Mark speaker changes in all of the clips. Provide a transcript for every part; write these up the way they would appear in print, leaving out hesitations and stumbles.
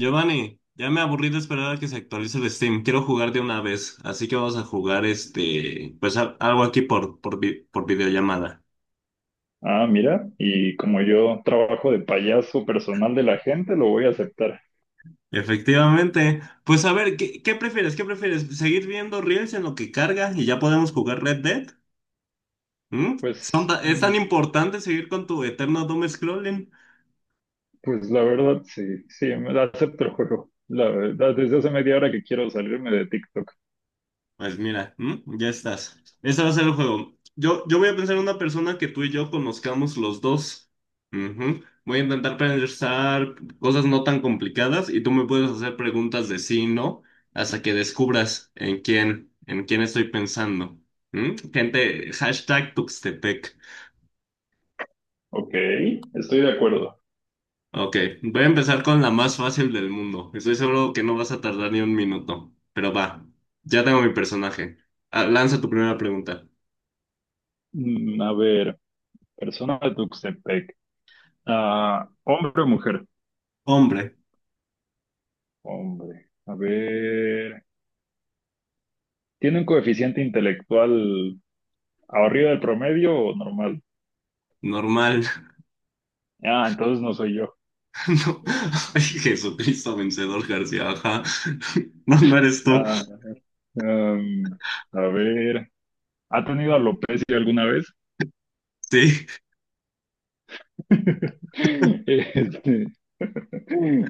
Speaker 1: Giovanni, ya me aburrí de esperar a que se actualice el Steam. Quiero jugar de una vez, así que vamos a jugar algo aquí por videollamada.
Speaker 2: Ah, mira, y como yo trabajo de payaso personal de la gente, lo voy a aceptar.
Speaker 1: Efectivamente. Pues a ver, ¿qué prefieres? ¿Qué prefieres? ¿Seguir viendo Reels en lo que carga y ya podemos jugar Red Dead? ¿Mm?
Speaker 2: Pues,
Speaker 1: ¿Es tan importante seguir con tu eterno doom scrolling?
Speaker 2: pues la verdad, sí, sí, me la acepto el juego. La verdad, desde hace media hora que quiero salirme de TikTok.
Speaker 1: Pues mira, ¿m? Ya estás. Este va a ser el juego. Yo voy a pensar en una persona que tú y yo conozcamos los dos. Ujú. Voy a intentar pensar cosas no tan complicadas y tú me puedes hacer preguntas de sí y no hasta que descubras en quién estoy pensando. ¿M? Gente, hashtag Tuxtepec.
Speaker 2: Ok, estoy de acuerdo.
Speaker 1: Ok, voy a empezar con la más fácil del mundo. Estoy seguro que no vas a tardar ni un minuto, pero va. Ya tengo mi personaje. Ah, lanza tu primera pregunta.
Speaker 2: A ver, persona de Tuxtepec. Ah, ¿hombre o mujer?
Speaker 1: Hombre,
Speaker 2: Hombre. A ver, ¿tiene un coeficiente intelectual arriba del promedio o normal?
Speaker 1: normal.
Speaker 2: Ah, entonces no soy yo.
Speaker 1: No, ay, Jesucristo vencedor García, ajá. No, no eres tú.
Speaker 2: Ah, em, a ver. ¿Ha tenido alopecia alguna vez?
Speaker 1: Sí,
Speaker 2: Este,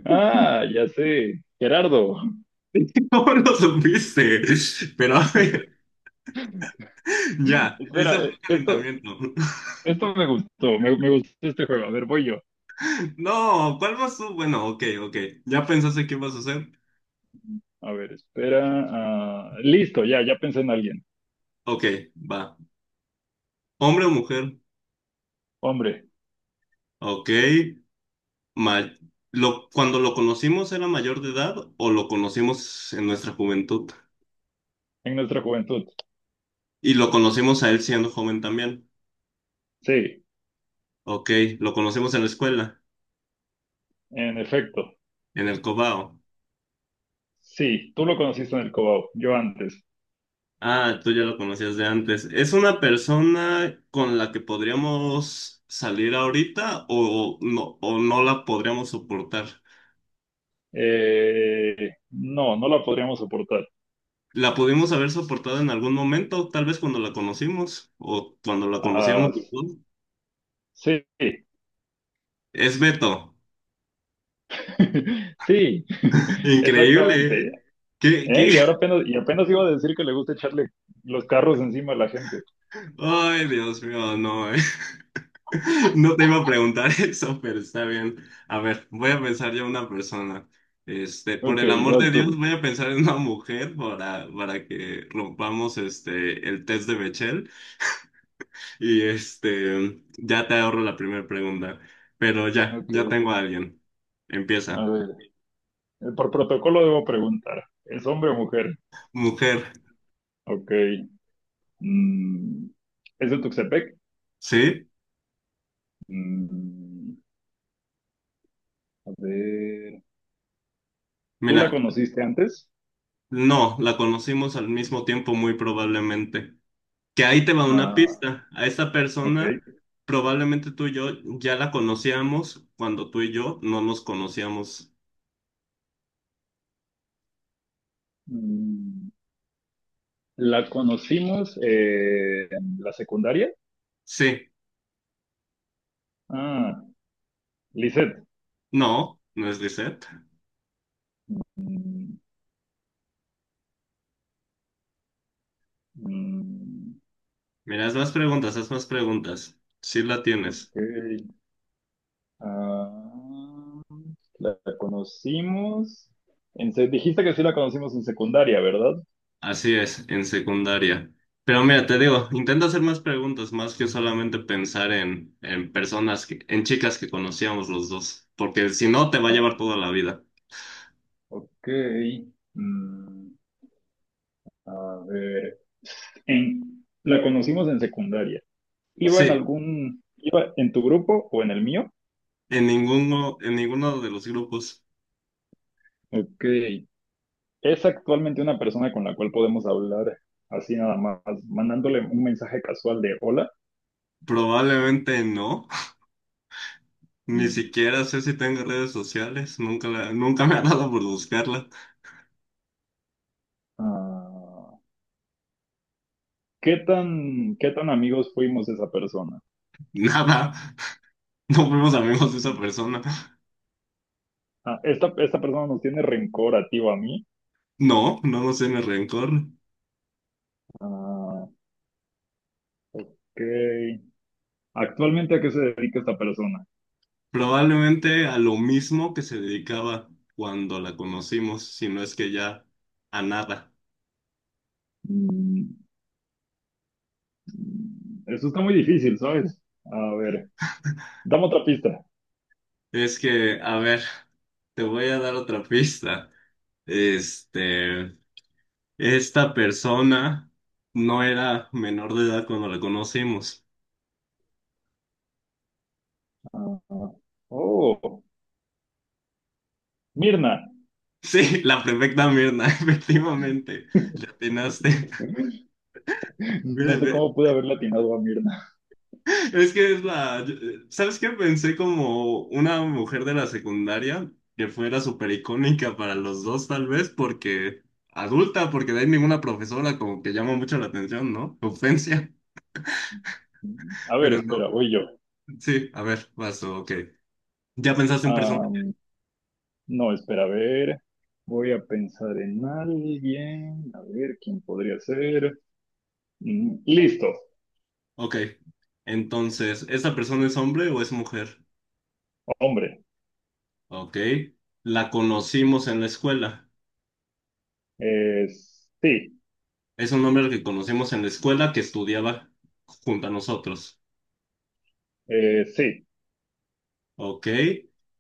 Speaker 2: ah, ya sé, Gerardo.
Speaker 1: ¿cómo lo supiste? Pero a ver, ya, ese fue
Speaker 2: Espera,
Speaker 1: el
Speaker 2: esto,
Speaker 1: calentamiento.
Speaker 2: esto me gustó. Me gustó este juego. A ver, voy yo.
Speaker 1: No, ¿cuál vas tú? Bueno, ok, ok. ¿Ya pensaste qué vas a hacer?
Speaker 2: A ver, espera. Ah, listo, ya, ya pensé en alguien.
Speaker 1: Ok, va. ¿Hombre o mujer?
Speaker 2: Hombre,
Speaker 1: Ok. Ma- lo, cuando lo conocimos, ¿era mayor de edad o lo conocimos en nuestra juventud?
Speaker 2: en nuestra juventud.
Speaker 1: Y lo conocimos a él siendo joven también.
Speaker 2: Sí,
Speaker 1: Ok, lo conocimos en la escuela,
Speaker 2: en efecto.
Speaker 1: en el Cobao.
Speaker 2: Sí, tú lo conociste en el Cobao, yo antes.
Speaker 1: Ah, tú ya lo conocías de antes. ¿Es una persona con la que podríamos salir ahorita o no la podríamos soportar?
Speaker 2: No, no la podríamos soportar.
Speaker 1: ¿La pudimos haber soportado en algún momento? Tal vez cuando la conocimos o cuando la conocíamos
Speaker 2: Ah,
Speaker 1: después.
Speaker 2: sí,
Speaker 1: Es Beto.
Speaker 2: sí,
Speaker 1: Increíble, ¿eh?
Speaker 2: exactamente.
Speaker 1: ¿Qué,
Speaker 2: ¿Eh?
Speaker 1: qué?
Speaker 2: Y ahora apenas, y apenas iba a decir que le gusta echarle los carros encima a la gente.
Speaker 1: Ay, Dios mío, no, ¿eh? No te iba a preguntar eso, pero está bien. A ver, voy a pensar yo una persona. Este, por
Speaker 2: Ok,
Speaker 1: el amor de
Speaker 2: vas tú.
Speaker 1: Dios, voy a pensar en una mujer para que rompamos este, el test de Bechdel y este, ya te ahorro la primera pregunta. Pero ya,
Speaker 2: Ok,
Speaker 1: ya tengo a alguien.
Speaker 2: a
Speaker 1: Empieza.
Speaker 2: ver. Por protocolo debo preguntar. ¿Es hombre o mujer?
Speaker 1: Mujer,
Speaker 2: Ok. mm, ¿Es de Tuxtepec?
Speaker 1: ¿sí?
Speaker 2: Mm, a ver. ¿Tú la
Speaker 1: Mira,
Speaker 2: conociste antes?
Speaker 1: no, la conocimos al mismo tiempo muy probablemente. Que ahí te va una
Speaker 2: Ah,
Speaker 1: pista. A esa persona
Speaker 2: ok.
Speaker 1: probablemente tú y yo ya la conocíamos cuando tú y yo no nos conocíamos.
Speaker 2: Mm, ¿La conocimos en la secundaria?
Speaker 1: Sí,
Speaker 2: Ah, Lisette.
Speaker 1: no, no es Lisette.
Speaker 2: Mm, mm,
Speaker 1: Mira, haz más preguntas, haz más preguntas. Sí la tienes.
Speaker 2: ok. Ah, la conocimos. Dijiste que sí la conocimos en secundaria, ¿verdad?
Speaker 1: Así es, en secundaria. Pero mira, te digo, intenta hacer más preguntas, más que solamente pensar en personas, en chicas que conocíamos los dos, porque si no te va a
Speaker 2: Ah,
Speaker 1: llevar toda la vida.
Speaker 2: ok. Mm, a ver. La conocimos en secundaria. ¿Iba en
Speaker 1: Sí,
Speaker 2: algún, iba en tu grupo o en el mío?
Speaker 1: en ninguno de los grupos.
Speaker 2: Ok. ¿Es actualmente una persona con la cual podemos hablar así nada más, mandándole un mensaje casual de hola?
Speaker 1: Probablemente no. Ni
Speaker 2: Mm,
Speaker 1: siquiera sé si tengo redes sociales, nunca me ha dado por buscarla.
Speaker 2: ah, qué tan amigos fuimos de esa persona?
Speaker 1: Nada, no fuimos amigos de esa
Speaker 2: Mm,
Speaker 1: persona.
Speaker 2: Ah, esta persona nos tiene rencor a ti o a mí.
Speaker 1: No, no nos tiene rencor.
Speaker 2: Ah, ok. ¿Actualmente a qué se dedica esta persona?
Speaker 1: Probablemente a lo mismo que se dedicaba cuando la conocimos, si no es que ya a nada.
Speaker 2: Mm, eso está muy difícil, ¿sabes? A ver, dame otra pista.
Speaker 1: Es que, a ver, te voy a dar otra pista. Este, esta persona no era menor de edad cuando la conocimos.
Speaker 2: Ah, oh, Mirna.
Speaker 1: Sí, la perfecta Mirna, efectivamente, le atinaste.
Speaker 2: No
Speaker 1: Mira,
Speaker 2: sé cómo pude haber latinado a Mirna.
Speaker 1: es que es la... ¿Sabes qué? Pensé como una mujer de la secundaria que fuera súper icónica para los dos, tal vez, porque adulta, porque de ahí ninguna profesora como que llama mucho la atención, ¿no? Ofensia,
Speaker 2: A ver,
Speaker 1: pero no.
Speaker 2: espera, voy yo.
Speaker 1: Sí, a ver, paso, ok. ¿Ya pensaste un
Speaker 2: Ah,
Speaker 1: personaje?
Speaker 2: no, espera, a ver. Voy a pensar en alguien. A ver, ¿quién podría ser? Listo,
Speaker 1: Ok. Entonces, ¿esta persona es hombre o es mujer?
Speaker 2: hombre.
Speaker 1: Ok. La conocimos en la escuela.
Speaker 2: Eh, sí,
Speaker 1: Es un nombre que conocemos en la escuela que estudiaba junto a nosotros.
Speaker 2: sí,
Speaker 1: Ok.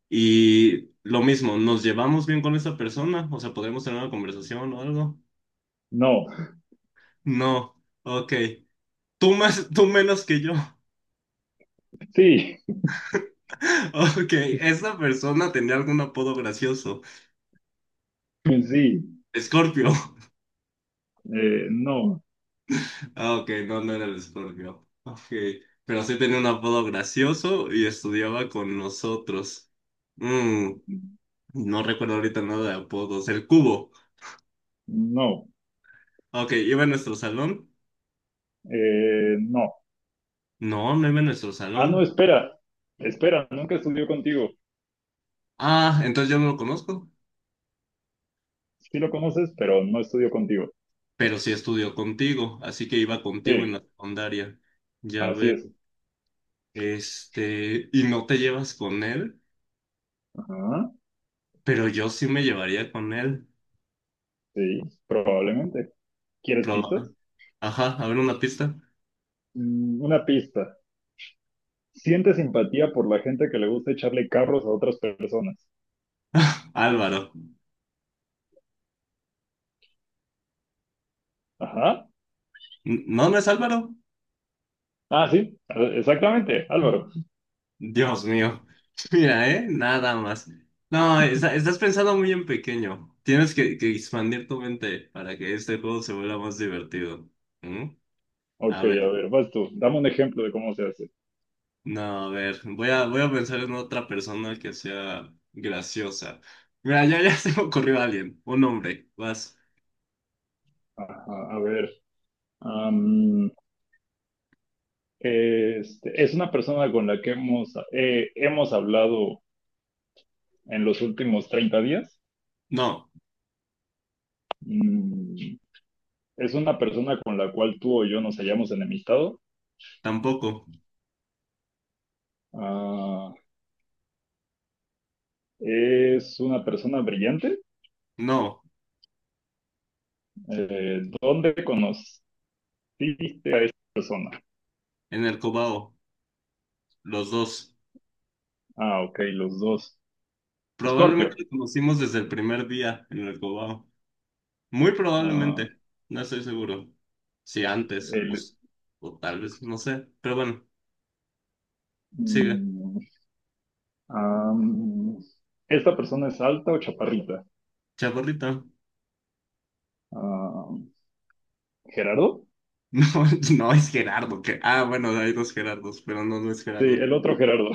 Speaker 1: Y lo mismo, ¿nos llevamos bien con esa persona? O sea, ¿podremos tener una conversación o algo?
Speaker 2: no.
Speaker 1: No. Ok. Tú más, tú menos que yo.
Speaker 2: Sí,
Speaker 1: Ok, esa persona tenía algún apodo gracioso.
Speaker 2: sí,
Speaker 1: Escorpio.
Speaker 2: no,
Speaker 1: Ah, ok, no, no era el Escorpio. Ok, pero sí tenía un apodo gracioso y estudiaba con nosotros. Mm, no recuerdo ahorita nada de apodos. El cubo.
Speaker 2: no,
Speaker 1: Ok, ¿iba en nuestro salón?
Speaker 2: no.
Speaker 1: No, no iba en nuestro
Speaker 2: Ah, no,
Speaker 1: salón.
Speaker 2: espera, espera, nunca estudió contigo.
Speaker 1: Ah, entonces yo no lo conozco,
Speaker 2: Sí lo conoces, pero no estudió contigo.
Speaker 1: pero sí estudió contigo, así que iba contigo en la
Speaker 2: Sí,
Speaker 1: secundaria. Ya
Speaker 2: así
Speaker 1: veo.
Speaker 2: es.
Speaker 1: Este, y no te llevas con él,
Speaker 2: Ajá,
Speaker 1: pero yo sí me llevaría con él.
Speaker 2: sí, probablemente. ¿Quieres
Speaker 1: Proba-
Speaker 2: pistas?
Speaker 1: Ajá, a ver una pista.
Speaker 2: Una pista. Siente simpatía por la gente que le gusta echarle carros a otras personas.
Speaker 1: Álvaro.
Speaker 2: Ajá.
Speaker 1: No, no es Álvaro.
Speaker 2: Ah, sí, exactamente, Álvaro.
Speaker 1: Dios mío. Mira, ¿eh? Nada más. No, estás pensando muy en pequeño. Tienes que expandir tu mente para que este juego se vuelva más divertido. ¿Mm?
Speaker 2: Ok,
Speaker 1: A
Speaker 2: a
Speaker 1: ver,
Speaker 2: ver, vas tú. Dame un ejemplo de cómo se hace.
Speaker 1: no, a ver, voy a pensar en otra persona que sea graciosa. Mira, ya, ya se me ocurrió alguien, un hombre, vas.
Speaker 2: Ajá, a ver. Este, es una persona con la que hemos, hemos hablado en los últimos 30 días.
Speaker 1: No,
Speaker 2: Mm, es una persona con la cual tú o yo nos hayamos enemistado.
Speaker 1: tampoco,
Speaker 2: Ah, es una persona brillante.
Speaker 1: no,
Speaker 2: ¿Dónde conociste a esta persona?
Speaker 1: en el Cobao, los dos.
Speaker 2: Ah, ok, los dos.
Speaker 1: Probablemente
Speaker 2: Escorpio.
Speaker 1: lo conocimos desde el primer día en el Cobao. Muy
Speaker 2: Ah,
Speaker 1: probablemente, no estoy seguro. Si antes,
Speaker 2: el,
Speaker 1: pues, o tal vez, no sé, pero bueno, sigue.
Speaker 2: mm, ah, ¿esta persona es alta o chaparrita?
Speaker 1: Chaparrita.
Speaker 2: Ah, ¿Gerardo?
Speaker 1: No, no es Gerardo, que, ah, bueno, hay dos Gerardos, pero no, no es
Speaker 2: Sí,
Speaker 1: Gerardo.
Speaker 2: el otro Gerardo.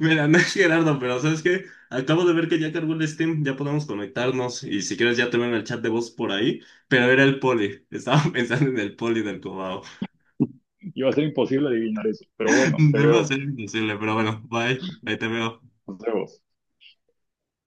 Speaker 1: Mira, no es Gerardo, pero ¿sabes qué? Acabo de ver que ya cargó el Steam, ya podemos conectarnos y si quieres ya te ven el chat de voz por ahí, pero era el poli, estaba pensando en el poli del Cobao.
Speaker 2: Iba a ser imposible adivinar eso, pero bueno, te
Speaker 1: Debo
Speaker 2: veo.
Speaker 1: ser imposible, pero bueno, bye, ahí te veo.
Speaker 2: Nos vemos.